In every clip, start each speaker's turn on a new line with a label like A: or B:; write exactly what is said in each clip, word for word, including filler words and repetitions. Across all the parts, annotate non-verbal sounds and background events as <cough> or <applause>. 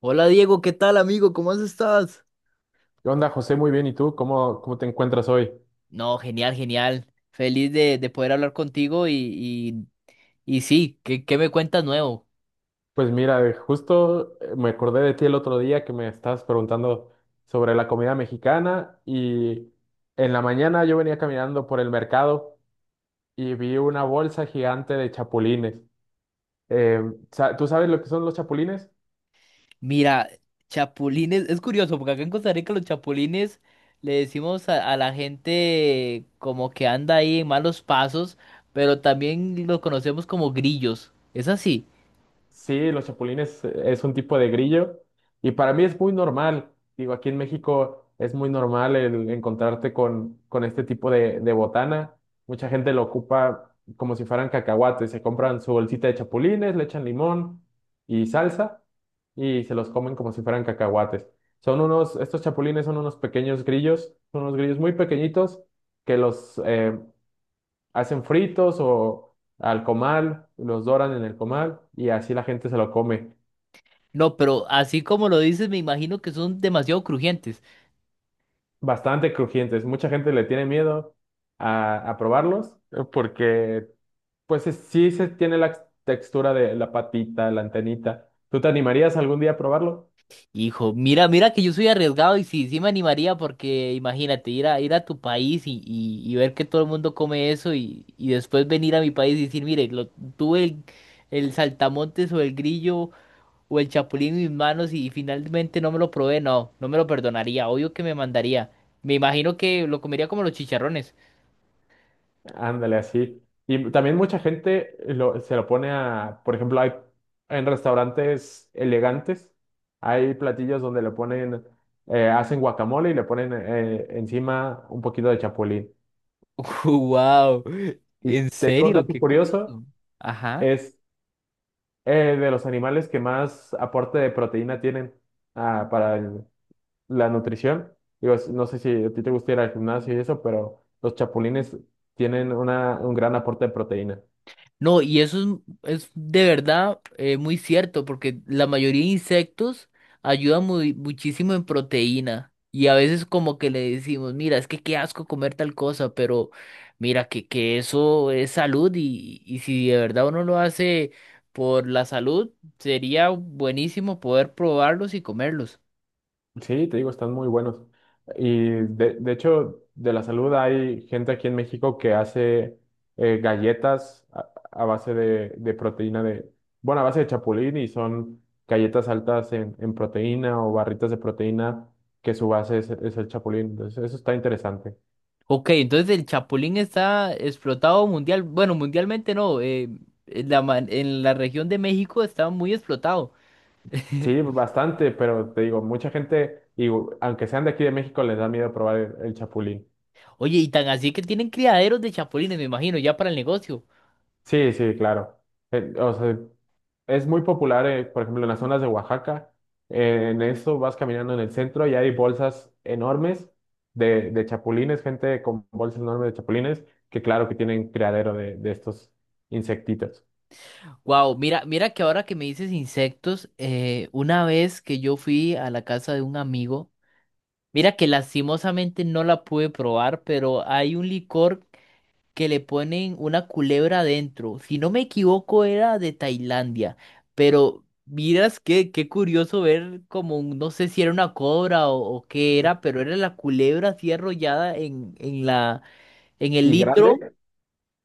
A: Hola Diego, ¿qué tal amigo? ¿Cómo has estás?
B: ¿Qué onda, José? Muy bien. ¿Y tú? ¿Cómo, cómo te encuentras hoy?
A: No, genial, genial. Feliz de, de poder hablar contigo y, y, y sí, ¿qué, qué me cuentas nuevo?
B: Pues mira, eh, justo eh, me acordé de ti el otro día que me estabas preguntando sobre la comida mexicana y en la mañana yo venía caminando por el mercado y vi una bolsa gigante de chapulines. Eh, sa- ¿Tú sabes lo que son los chapulines?
A: Mira, chapulines, es curioso porque acá en Costa Rica los chapulines le decimos a, a la gente como que anda ahí en malos pasos, pero también los conocemos como grillos. ¿Es así?
B: Sí, los chapulines eh, es un tipo de grillo y para mí es muy normal. Digo, aquí en México es muy normal el encontrarte con, con este tipo de, de botana. Mucha gente lo ocupa como si fueran cacahuates. Se compran su bolsita de chapulines, le echan limón y salsa y se los comen como si fueran cacahuates. Son unos, estos chapulines son unos pequeños grillos, son unos grillos muy pequeñitos que los, eh, hacen fritos o al comal, los doran en el comal y así la gente se lo come.
A: No, pero así como lo dices, me imagino que son demasiado crujientes.
B: Bastante crujientes. Mucha gente le tiene miedo a, a probarlos eh, porque pues es- sí se tiene la textura de la patita, la antenita. ¿Tú te animarías algún día a probarlo?
A: Hijo, mira, mira que yo soy arriesgado y sí, sí me animaría porque imagínate ir a ir a tu país y, y, y ver que todo el mundo come eso y, y después venir a mi país y decir, mire, lo, tuve el, el saltamontes o el grillo o el chapulín en mis manos y finalmente no me lo probé, no, no me lo perdonaría, obvio que me mandaría. Me imagino que lo comería como los chicharrones.
B: Ándale, así. Y también mucha gente lo- se lo pone a, por ejemplo, hay en restaurantes elegantes, hay platillos donde le ponen, eh, hacen guacamole y le ponen eh, encima un poquito de chapulín.
A: <laughs> Wow,
B: Y
A: en
B: te digo un
A: serio,
B: dato
A: qué
B: curioso,
A: curioso. Ajá.
B: es eh, de los animales que más aporte de proteína tienen ah, para el- la nutrición. Digo, es- no sé si a ti te gusta ir al gimnasio y eso, pero los chapulines tienen una, un gran aporte de proteína.
A: No, y eso es, es de verdad eh, muy cierto, porque la mayoría de insectos ayudan muy- muchísimo en proteína. Y a veces como que le decimos, mira, es que qué asco comer tal cosa, pero mira que, que eso es salud y, y si de verdad uno lo hace por la salud, sería buenísimo poder probarlos y comerlos.
B: Sí, te digo, están muy buenos. Y de, de hecho, de la salud hay gente aquí en México que hace eh, galletas a, a base de, de proteína de, bueno, a base de chapulín y son galletas altas en, en proteína o barritas de proteína que su base es, es el chapulín. Entonces, eso está interesante.
A: Ok, entonces el chapulín está explotado mundial, bueno, mundialmente no, eh, en la, ma- en la región de México está muy explotado.
B: Sí, bastante, pero te digo, mucha gente, y aunque sean de aquí de México, les da miedo probar el, el chapulín.
A: Oye, y tan así que tienen criaderos de chapulines, me imagino, ya para el negocio.
B: Sí, sí, claro. Eh, o sea, es muy popular, eh, por ejemplo, en las zonas de Oaxaca. Eh, en eso vas caminando en el centro y hay bolsas enormes de, de chapulines, gente con bolsas enormes de chapulines, que claro que tienen criadero de, de estos insectitos.
A: Wow, mira, mira que ahora que me dices insectos, eh, una vez que yo fui a la casa de un amigo, mira que lastimosamente no la pude probar, pero hay un licor que le ponen una culebra adentro. Si no me equivoco, era de Tailandia, pero miras que qué curioso ver como, un- no sé si era una cobra o, o qué era, pero era la culebra así arrollada en, en la, en el
B: ¿Y
A: litro.
B: grande?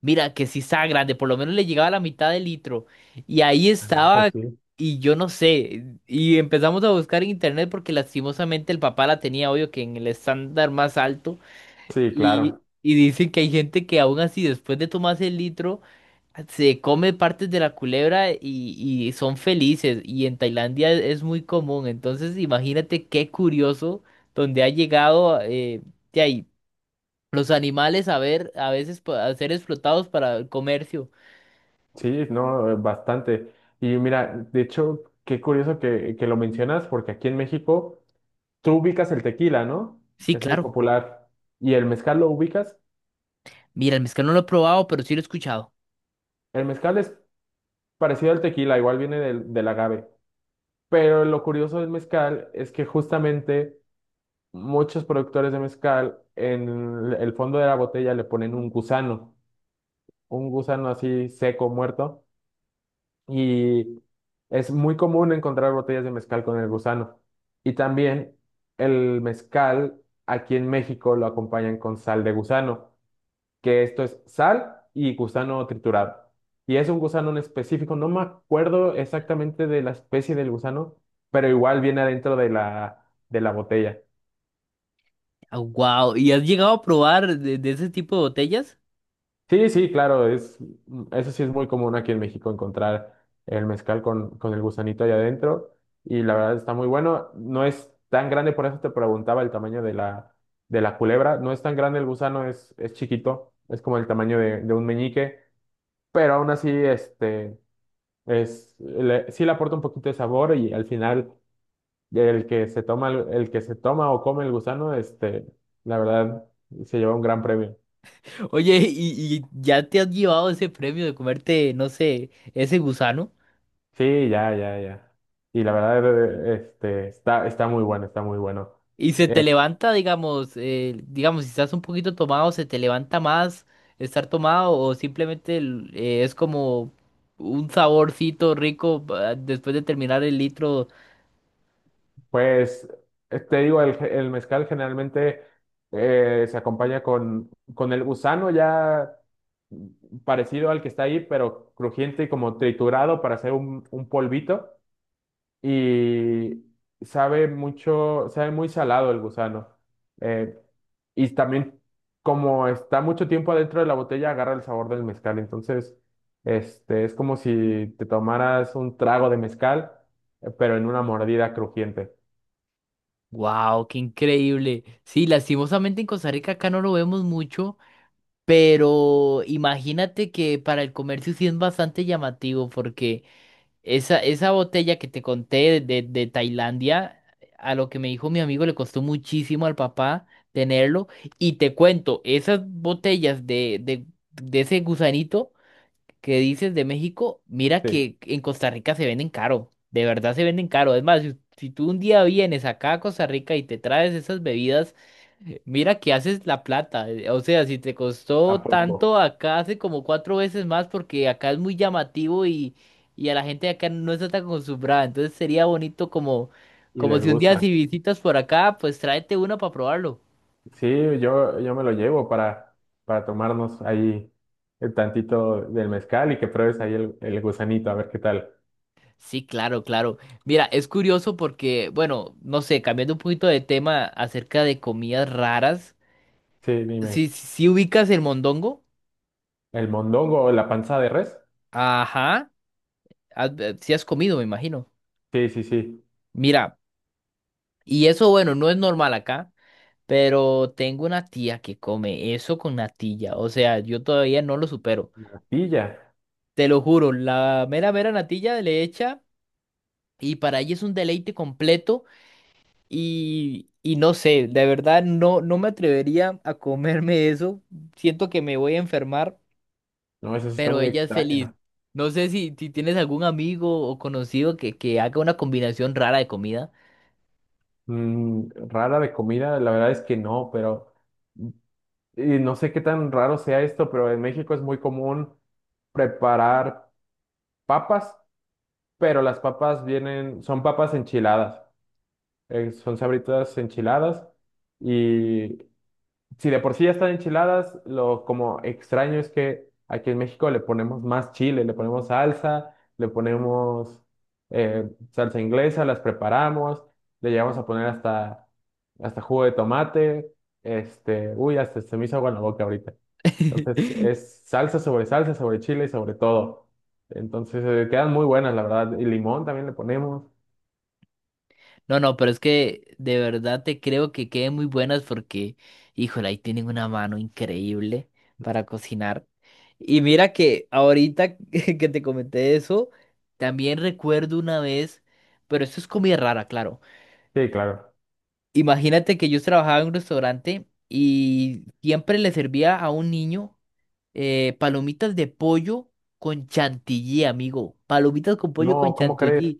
A: Mira, que sí estaba grande, por lo menos le llegaba a la mitad del litro. Y ahí
B: No, pues
A: estaba,
B: sí.
A: y yo no sé. Y empezamos a buscar en internet porque lastimosamente el papá la tenía, obvio, que en el estándar más alto.
B: Sí,
A: Y,
B: claro.
A: y dicen que hay gente que aún así, después de tomarse el litro, se come partes de la culebra y, y son felices. Y en Tailandia es, es muy común. Entonces, imagínate qué curioso donde ha llegado eh, de ahí. Los animales a ver, a veces pa- a ser explotados para el comercio.
B: Sí, no, eh, bastante. Y mira, de hecho, qué curioso que, que lo mencionas, porque aquí en México tú ubicas el tequila, ¿no?
A: Sí,
B: Es muy
A: claro.
B: popular. ¿Y el mezcal lo ubicas?
A: Mira, el mezcal no lo he probado, pero sí lo he escuchado.
B: El mezcal es parecido al tequila, igual viene del, del agave. Pero lo curioso del mezcal es que justamente muchos productores de mezcal en el fondo de la botella le ponen un gusano, un gusano así seco, muerto. Y es muy común encontrar botellas de mezcal con el gusano. Y también el mezcal aquí en México lo acompañan con sal de gusano, que esto es sal y gusano triturado. Y es un gusano en específico, no me acuerdo exactamente de la especie del gusano, pero igual viene adentro de la, de la botella.
A: Wow. ¿Y has llegado a probar de, de ese tipo de botellas?
B: Sí, sí, claro, es, eso sí es muy común aquí en México encontrar el mezcal con, con el gusanito ahí adentro y la verdad está muy bueno. No es tan grande, por eso te preguntaba el tamaño de la, de la culebra. No es tan grande el gusano, es, es chiquito, es como el tamaño de, de un meñique, pero aún así, este... Es, le- sí le aporta un poquito de sabor y al final el que se toma, el, el que se toma o come el gusano, este, la verdad, se lleva un gran premio.
A: <laughs> Oye, y, y ya te has llevado ese premio de comerte, no sé, ¿ese gusano?
B: Sí, ya, ya, ya. Y la verdad, eh, este, está, está muy bueno, está muy bueno.
A: Y se te
B: Eh,
A: levanta, digamos, eh, digamos, si estás un poquito tomado, ¿se te levanta más estar tomado o simplemente el- eh, es como un saborcito rico ah, después de terminar el litro?
B: pues, eh, te digo, el, ge- el mezcal generalmente eh, se acompaña con, con el gusano ya parecido al que está ahí, pero crujiente y como triturado para hacer un, un polvito. Y sabe mucho, sabe muy salado el gusano. Eh, y también, como está mucho tiempo adentro de la botella, agarra el sabor del mezcal. Entonces, este, es como si te tomaras un trago de mezcal, eh, pero en una mordida crujiente.
A: Wow, qué increíble. Sí, lastimosamente en Costa Rica acá no lo vemos mucho, pero imagínate que para el comercio sí es bastante llamativo porque esa, esa botella que te conté de, de, de Tailandia, a lo que me dijo mi amigo le costó muchísimo al papá tenerlo. Y te cuento, esas botellas de, de, de ese gusanito que dices de México, mira
B: Sí,
A: que en Costa Rica se venden caro, de verdad se venden caro. Es más, si, si tú un día vienes acá a Costa Rica y te traes esas bebidas, eh, mira que haces la plata. eh, O sea, si te costó
B: a poco.
A: tanto, acá hace como cuatro veces más porque acá es muy llamativo y, y a la gente de acá no está tan acostumbrada. Entonces sería bonito como,
B: Y
A: como
B: les
A: si un día
B: gusta.
A: si visitas por acá, pues tráete uno para probarlo.
B: Sí, yo, yo me lo llevo para, para tomarnos ahí el tantito del mezcal y que pruebes ahí el, el gusanito, a ver qué tal.
A: Sí, claro, claro. Mira, es curioso porque, bueno, no sé, cambiando un poquito de tema acerca de comidas raras,
B: Sí, dime,
A: si, si ubicas el mondongo,
B: ¿el mondongo o la panza de res?
A: ajá, si has comido, me imagino.
B: Sí, sí, sí.
A: Mira, y eso, bueno, no es normal acá, pero tengo una tía que come eso con natilla, o sea, yo todavía no lo supero.
B: Natilla.
A: Te lo juro, la mera, mera natilla le echa y para ella es un deleite completo. Y, y no sé, de verdad no, no me atrevería a comerme eso. Siento que me voy a enfermar,
B: No, esa sí está
A: pero
B: muy
A: ella es feliz.
B: extraña.
A: No sé si, si tienes algún amigo o conocido que, que haga una combinación rara de comida.
B: Mm, rara de comida, la verdad es que no, pero y no sé qué tan raro sea esto, pero en México es muy común preparar papas, pero las papas vienen, son papas enchiladas, eh, son sabritas enchiladas y si de por sí ya están enchiladas, lo como extraño es que aquí en México le ponemos más chile, le ponemos salsa, le ponemos eh, salsa inglesa, las preparamos, le llegamos a poner hasta, hasta jugo de tomate, este, uy, hasta se me hizo agua en la boca ahorita. Entonces
A: <laughs>
B: es salsa sobre salsa, sobre chile y sobre todo. Entonces eh, quedan muy buenas, la verdad. Y limón también le ponemos.
A: No, no, pero es que de verdad te creo que queden muy buenas porque, híjole, ahí tienen una mano increíble para cocinar. Y mira que ahorita <laughs> que te comenté eso, también recuerdo una vez, pero esto es comida rara, claro.
B: Sí, claro.
A: Imagínate que yo trabajaba en un restaurante y siempre le servía a un niño eh, palomitas de pollo con chantilly, amigo. Palomitas con pollo con
B: No, ¿cómo crees?
A: chantilly.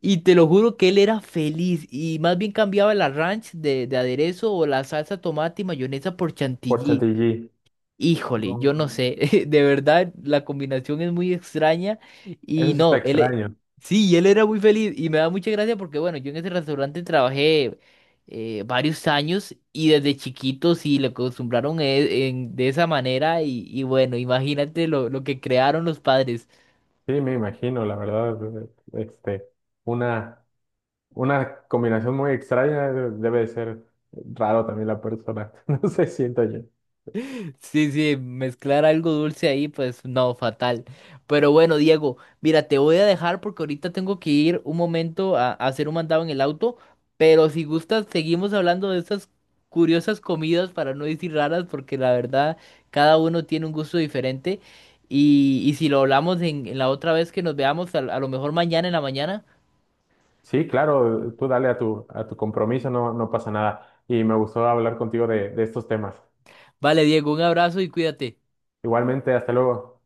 A: Y te lo juro que él era feliz y más bien cambiaba la ranch de, de aderezo o la salsa tomate y mayonesa por
B: Por
A: chantilly.
B: chantilly.
A: Híjole, yo no
B: No,
A: sé, <laughs> de verdad la combinación es muy extraña
B: eso
A: y
B: sí está
A: no, él, e-
B: extraño.
A: sí, y él era muy feliz y me da mucha gracia porque bueno, yo en ese restaurante trabajé eh, varios años y desde chiquito sí le acostumbraron e- en- de esa manera y, y bueno, imagínate lo, lo que crearon los padres.
B: Sí, me imagino, la verdad, eh, este, una, una combinación muy extraña eh, debe de ser raro también la persona, <laughs> no sé, siento yo.
A: Sí, sí, mezclar algo dulce ahí, pues no, fatal. Pero bueno, Diego, mira, te voy a dejar porque ahorita tengo que ir un momento a, a hacer un mandado en el auto, pero si gustas, seguimos hablando de estas curiosas comidas, para no decir raras, porque la verdad, cada uno tiene un gusto diferente. Y, y si lo hablamos en, en la otra vez que nos veamos, a a lo mejor mañana en la mañana.
B: Sí, claro, tú dale a tu, a tu compromiso, no, no pasa nada. Y me gustó hablar contigo de, de estos temas.
A: Vale, Diego, un abrazo y cuídate.
B: Igualmente, hasta luego.